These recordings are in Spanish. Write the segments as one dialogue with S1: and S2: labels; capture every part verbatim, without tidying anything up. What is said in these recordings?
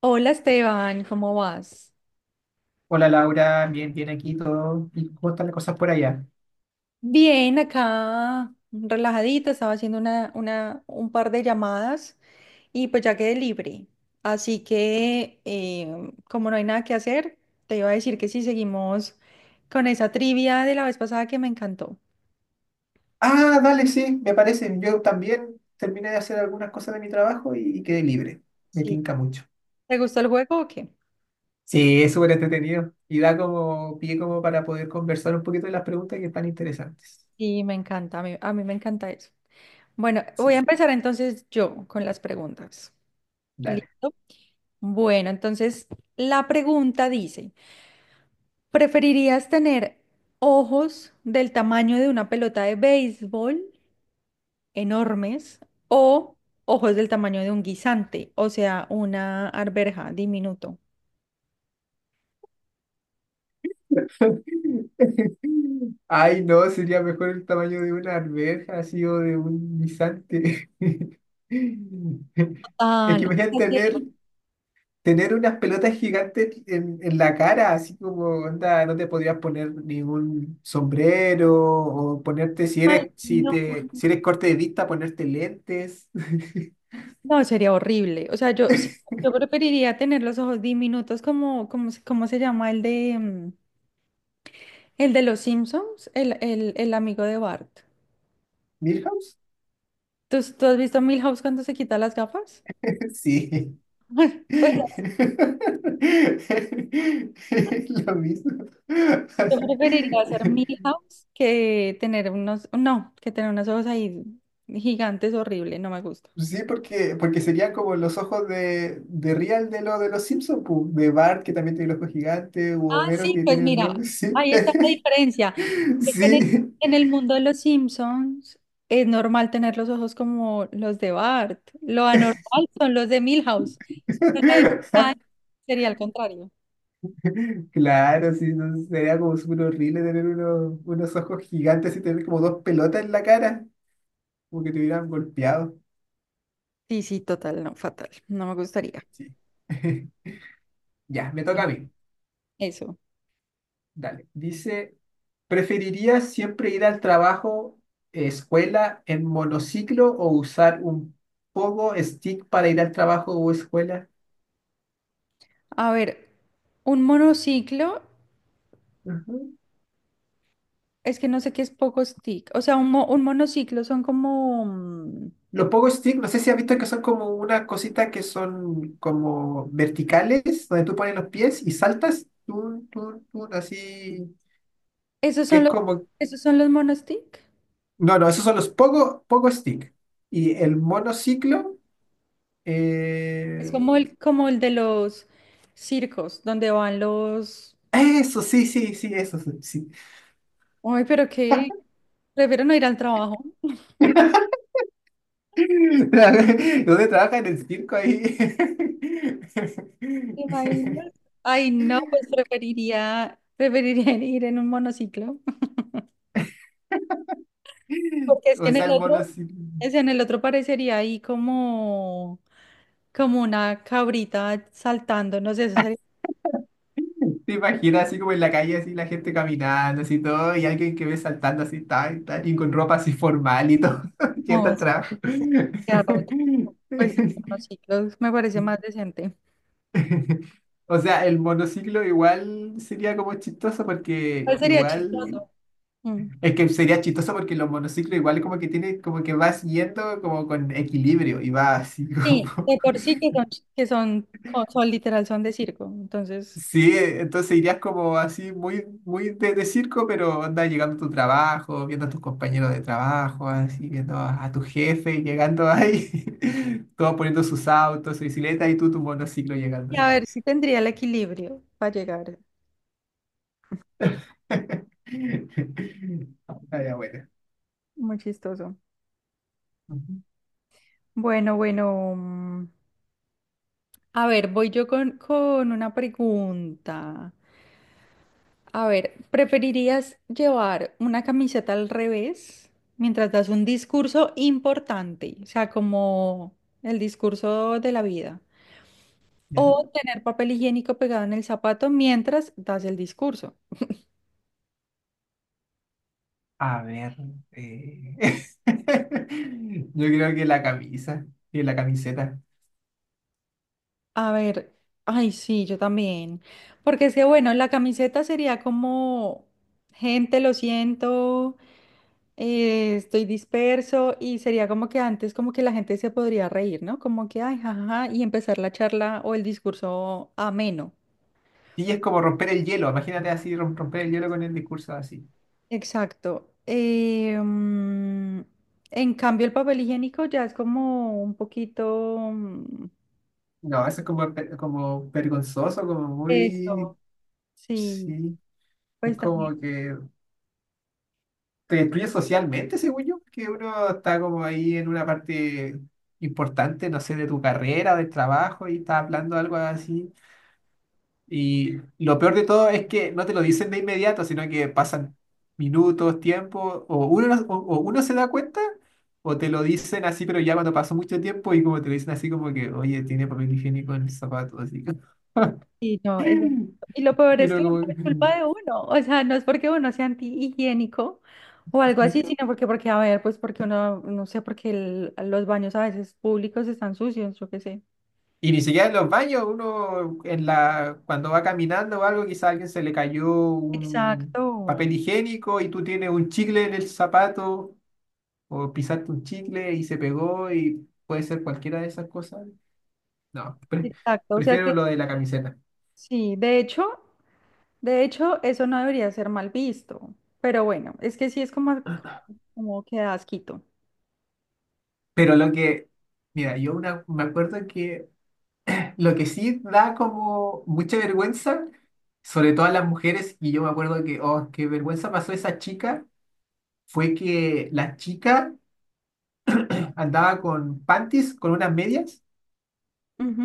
S1: Hola Esteban, ¿cómo vas?
S2: Hola Laura, bien, bien aquí todo. ¿Y cómo están las cosas por allá?
S1: Bien, acá relajadita, estaba haciendo una, una, un par de llamadas y pues ya quedé libre. Así que eh, como no hay nada que hacer, te iba a decir que sí, seguimos con esa trivia de la vez pasada que me encantó.
S2: Ah, dale, sí, me parece. Yo también terminé de hacer algunas cosas de mi trabajo y, y quedé libre. Me
S1: Sí.
S2: tinca mucho.
S1: ¿Te gustó el juego o qué?
S2: Sí, es súper entretenido y da como pie como para poder conversar un poquito de las preguntas que están interesantes.
S1: Sí, me encanta, a mí, a mí me encanta eso. Bueno, voy a
S2: Sí,
S1: empezar entonces yo con las preguntas.
S2: dale.
S1: ¿Listo? Bueno, entonces la pregunta dice... ¿Preferirías tener ojos del tamaño de una pelota de béisbol, enormes, o ojos del tamaño de un guisante, o sea, una arveja, diminuto?
S2: Ay, no, sería mejor el tamaño de una alberja, así o de un guisante. Es
S1: Ah,
S2: que
S1: no.
S2: imagínate
S1: Ojos del-
S2: tener Tener unas pelotas gigantes en, en la cara, así como, onda, no te podrías poner ningún sombrero o ponerte, si
S1: Ay,
S2: eres, si
S1: no.
S2: te, si eres corte de vista, ponerte lentes.
S1: No, sería horrible. O sea, yo, sí, yo preferiría tener los ojos diminutos como, como, se- ¿cómo se llama el de, mm, el de los Simpsons? El, el, el amigo de Bart.
S2: ¿Milhouse?
S1: ¿Tú, tú has visto Milhouse cuando se quita las gafas?
S2: Sí.
S1: Pues
S2: Lo mismo.
S1: yo preferiría hacer Millie House que tener unos, no, que tener unos ojos ahí gigantes, horrible, no me gusta.
S2: Sí, porque, porque serían como los ojos de, de Real de, lo, de los Simpsons, pu, de Bart, que también tiene los ojos gigantes u
S1: Ah,
S2: Homero,
S1: sí,
S2: que
S1: pues
S2: tiene los ojo.
S1: mira,
S2: Sí,
S1: ahí está la diferencia. Es que en el,
S2: sí.
S1: en el mundo de los Simpsons es normal tener los ojos como los de Bart. Lo anormal son los de Milhouse. Pero la diferencia sería al contrario.
S2: Claro, sí, no, sería como súper horrible tener unos, unos ojos gigantes y tener como dos pelotas en la cara, como que te hubieran golpeado.
S1: Sí, sí, total, no, fatal. No me gustaría.
S2: Sí. Ya, me toca a mí.
S1: Eso.
S2: Dale. Dice, ¿preferirías siempre ir al trabajo, eh, escuela en monociclo o usar un pogo stick para ir al trabajo o escuela?
S1: A ver, un monociclo.
S2: Ujú.
S1: Es que no sé qué es poco stick. O sea, un, mo- un monociclo son como... mm,
S2: Los pogo stick, no sé si has visto que son como unas cositas que son como verticales, donde tú pones los pies y saltas, tun, tun, tun, así,
S1: ¿Esos
S2: que
S1: son
S2: es
S1: los,
S2: como...
S1: esos son los monostick?
S2: No, no, esos son los pogo, pogo stick. Y el monociclo...
S1: Es
S2: eh,
S1: como el, como el de los circos, donde van los...
S2: eso, sí, sí, sí, eso, sí. Sí.
S1: Ay, pero qué, prefiero no ir al trabajo.
S2: ¿Dónde trabaja en el circo ahí?
S1: ¿Te imaginas? Ay, no, pues preferiría, preferiría ir en un monociclo. Porque es que
S2: O
S1: en el
S2: sea, el
S1: otro,
S2: monociclo.
S1: es en el otro parecería ahí como, como una cabrita saltando, no sé, eso sería...
S2: ¿Te imaginas así como en la calle, así la gente caminando, así todo, y alguien que ve saltando así, tal, tal, y con ropa así formal y todo, yendo
S1: No,
S2: al trabajo?
S1: arroz. Pues no, sí, los- Me parece más decente.
S2: O sea, el monociclo igual sería como chistoso porque
S1: ¿Cuál sería
S2: igual,
S1: chistoso? Mm.
S2: es que sería chistoso porque los monociclos igual como que tiene, como que vas yendo como con equilibrio y va así
S1: Sí,
S2: como...
S1: de por sí que son, ch- que son, co- son literal, son de circo. Entonces,
S2: Sí, eh, entonces irías como así muy, muy de, de circo, pero andas llegando a tu trabajo, viendo a tus compañeros de trabajo, así viendo a, a tu jefe llegando ahí, todos poniendo sus autos, su bicicleta y tú tu monociclo llegando
S1: y a
S2: ahí.
S1: ver si tendría el equilibrio para llegar.
S2: Ah, ya, bueno.
S1: Muy chistoso.
S2: Ujú,
S1: Bueno, bueno. mm, A ver, voy yo con, con una pregunta. A ver, ¿preferirías llevar una camiseta al revés mientras das un discurso importante? O sea, como el discurso de la vida. O
S2: ya.
S1: tener papel higiénico pegado en el zapato mientras das el discurso.
S2: A ver, eh, yo creo que la camisa y la camiseta.
S1: A ver, ay, sí, yo también. Porque es que, bueno, la camiseta sería como, gente, lo siento, eh, estoy disperso y sería como que antes como que la gente se podría reír, ¿no? Como que, ay, jajaja, y empezar la charla o el discurso ameno.
S2: Y es como romper el hielo, imagínate así, rom- romper el hielo con el discurso así.
S1: Exacto. Eh, mm, en cambio, el papel higiénico ya es como un poquito... mm,
S2: No, eso es como, pe- como vergonzoso, como
S1: eso.
S2: muy...
S1: Sí,
S2: Sí, es
S1: pues también,
S2: como que te destruye socialmente, según yo, que uno está como ahí en una parte importante, no sé, de tu carrera, del trabajo, y está hablando algo así. Y lo peor de todo es que no te lo dicen de inmediato, sino que pasan minutos, tiempo, o uno, no- o, o uno se da cuenta, o te lo dicen así, pero ya cuando pasó mucho tiempo y como te lo dicen así como que, oye, tiene papel higiénico en el zapato, así.
S1: sí, no, es- y lo peor
S2: Y
S1: es
S2: uno
S1: que no
S2: como,
S1: es culpa de uno, o sea, no es porque uno sea antihigiénico o algo así,
S2: sí.
S1: sino porque, porque, a ver, pues porque uno, no sé, porque el- los baños a veces públicos están sucios, yo qué sé.
S2: Y ni siquiera en los baños, uno en la, cuando va caminando o algo, quizá a alguien se le cayó un
S1: Exacto,
S2: papel higiénico y tú tienes un chicle en el zapato o pisaste un chicle y se pegó y puede ser cualquiera de esas cosas. No, pre-
S1: exacto, o sea que
S2: prefiero lo de la camiseta.
S1: sí, de hecho, de hecho, eso no debería ser mal visto, pero bueno, es que sí es como, como que da asquito.
S2: Pero lo que, mira, yo una, me acuerdo que lo que sí da como mucha vergüenza, sobre todo a las mujeres, y yo me acuerdo que, oh, qué vergüenza pasó esa chica fue que la chica andaba con panties, con unas medias,
S1: Ujú.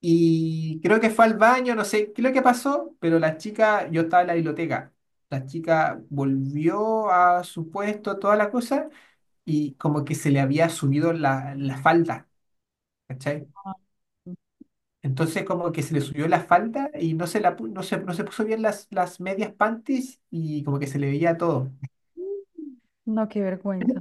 S2: y creo que fue al baño, no sé qué es lo que pasó, pero la chica, yo estaba en la biblioteca, la chica volvió a su puesto, toda la cosa, y como que se le había subido la, la falda, ¿cachai?
S1: Ay,
S2: Entonces como que se le subió la falda y no se, la, pu- no se, no se puso bien las, las medias panties y como que se le veía todo.
S1: no, qué vergüenza.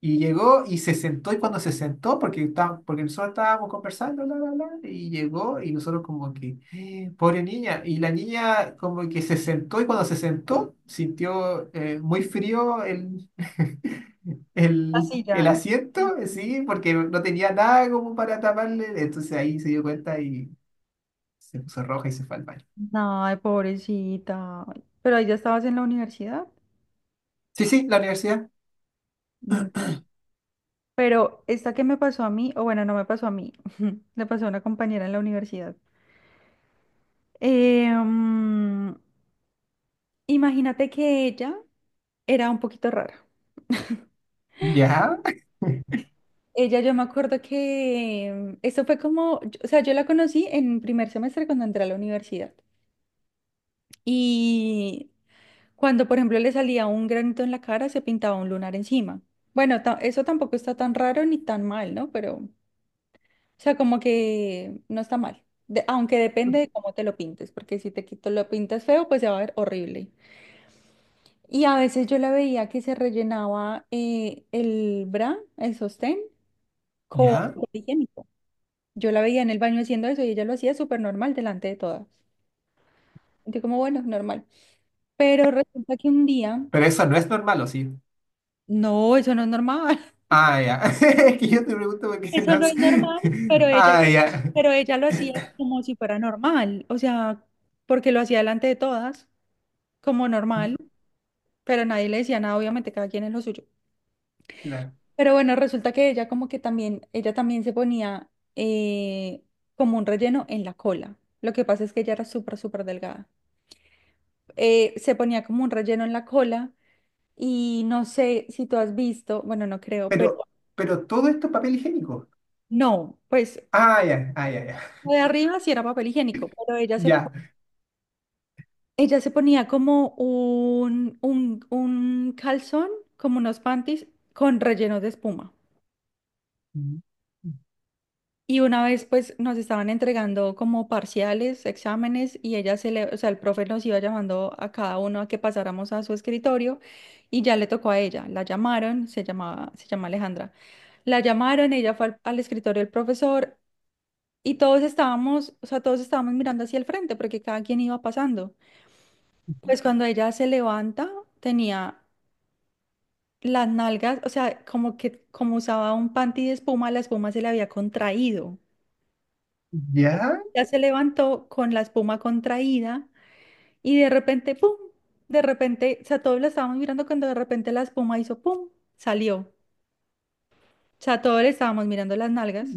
S2: Y llegó y se sentó, y cuando se sentó, porque, está- porque nosotros estábamos conversando, la, la, la, y llegó, y nosotros como que, "Eh, pobre niña, y la niña como que se sentó, y cuando se sentó, sintió eh, muy frío el, el,
S1: Así
S2: el
S1: ya.
S2: asiento, sí, porque no tenía nada como para taparle, entonces ahí se dio cuenta y se puso roja y se fue al baño.
S1: Ay, pobrecita. Pero ahí ya estabas en la universidad.
S2: Sí, sí, la universidad.
S1: Mm. Pero esta que me pasó a mí, o bueno, no me pasó a mí, le pasó a una compañera en la universidad. Eh, mm, Imagínate que ella era un poquito rara.
S2: Ya,
S1: Ella, yo me acuerdo que eso fue como, yo- o sea, yo la conocí en primer semestre cuando entré a la universidad. Y cuando, por ejemplo, le salía un granito en la cara, se pintaba un lunar encima. Bueno, ta- eso tampoco está tan raro ni tan mal, ¿no? Pero o sea, como que no está mal. De- aunque depende de cómo te lo pintes, porque si te quito lo pintas feo, pues se va a ver horrible. Y a veces yo la veía que se rellenaba eh, el bra, el sostén con
S2: ya,
S1: papel higiénico. Yo la veía en el baño haciendo eso y ella lo hacía súper normal delante de todas. Yo como, bueno, normal. Pero resulta que un día,
S2: pero eso no es normal, ¿o sí?
S1: no, eso no es normal.
S2: Ah, ya. Es que yo te pregunto porque
S1: Eso
S2: no
S1: no es
S2: sé.
S1: normal, pero ella,
S2: Ah, ya.
S1: pero ella lo hacía como si fuera normal. O sea, porque lo hacía delante de todas, como normal, pero nadie le decía nada, obviamente cada quien es lo suyo.
S2: Claro.
S1: Pero bueno, resulta que ella como que también, ella también se ponía eh, como un relleno en la cola. Lo que pasa es que ella era súper, súper delgada. Eh, se ponía como un relleno en la cola y no sé si tú has visto, bueno, no creo,
S2: Pero,
S1: pero
S2: pero todo esto es papel higiénico.
S1: no, pues
S2: Ah, ya, ah, ya, ya.
S1: lo de arriba sí era papel higiénico, pero ella se, po-
S2: Ya.
S1: ella se ponía como un, un, un calzón, como unos panties con relleno de espuma. Y una vez pues nos estaban entregando como parciales, exámenes y ella se le, o sea, el profe nos iba llamando a cada uno a que pasáramos a su escritorio y ya le tocó a ella. La llamaron, se llamaba, se llama Alejandra. La llamaron, ella fue al, al escritorio del profesor y todos estábamos, o sea, todos estábamos mirando hacia el frente porque cada quien iba pasando. Pues cuando ella se levanta, tenía las nalgas, o sea, como que como usaba un panty de espuma, la espuma se le había contraído.
S2: Ya,
S1: Ya se levantó con la espuma contraída y de repente, ¡pum! De repente, o sea, todos la estábamos mirando cuando de repente la espuma hizo ¡pum! Salió. O sea, todos le estábamos mirando las nalgas.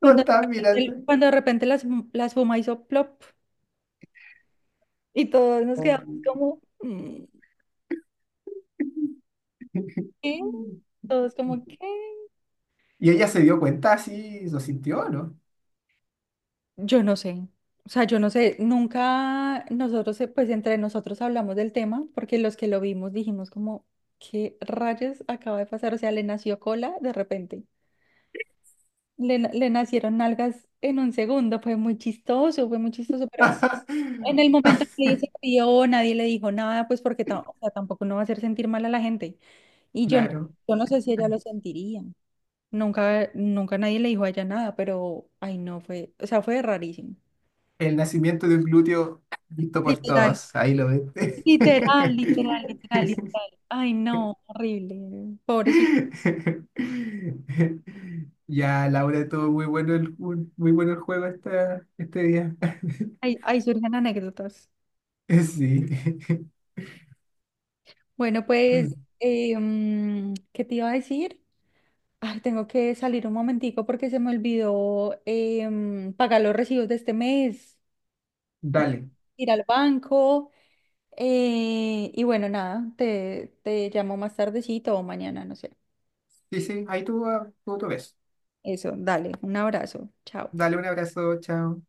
S2: lo
S1: Cuando, de
S2: estás mirando.
S1: repente- cuando de repente la, espu- la espuma hizo plop y todos nos
S2: Oh.
S1: quedamos como, "Mm, ¿qué? Todos como, ¿qué?
S2: Y ella se dio cuenta así, lo sintió, ¿no?
S1: Yo no sé. O sea, yo no sé, nunca nosotros, eh, pues entre nosotros hablamos del tema, porque los que lo vimos dijimos como, ¿qué rayos acaba de pasar? O sea, le nació cola de repente, le, na- le nacieron nalgas en un segundo, fue muy chistoso, fue muy chistoso, pero en el momento que ella se crió, nadie le dijo nada, pues porque ta- o sea, tampoco no va a hacer sentir mal a la gente. Y yo no,
S2: Claro.
S1: yo no sé si ella lo sentiría. Nunca, nunca nadie le dijo a ella nada, pero, ay, no, fue, o sea, fue rarísimo.
S2: El nacimiento de un glúteo visto por
S1: Literal,
S2: todos. Ahí lo ves.
S1: literal, literal, literal, literal. Ay, no, horrible. Pobrecito.
S2: Ya, Laura, estuvo muy bueno el, ju- muy bueno el juego esta, este día.
S1: Ahí, ahí surgen anécdotas.
S2: Sí.
S1: Bueno, pues, eh, mm, ¿qué te iba a decir? Ay, tengo que salir un momentico porque se me olvidó em, pagar los recibos de este mes,
S2: Dale.
S1: ir al banco eh, y bueno, nada, te, te llamo más tardecito o mañana, no sé.
S2: Sí, sí, ahí tú, ah, tú, tú ves.
S1: Eso, dale, un abrazo, chao.
S2: Dale un abrazo, chao.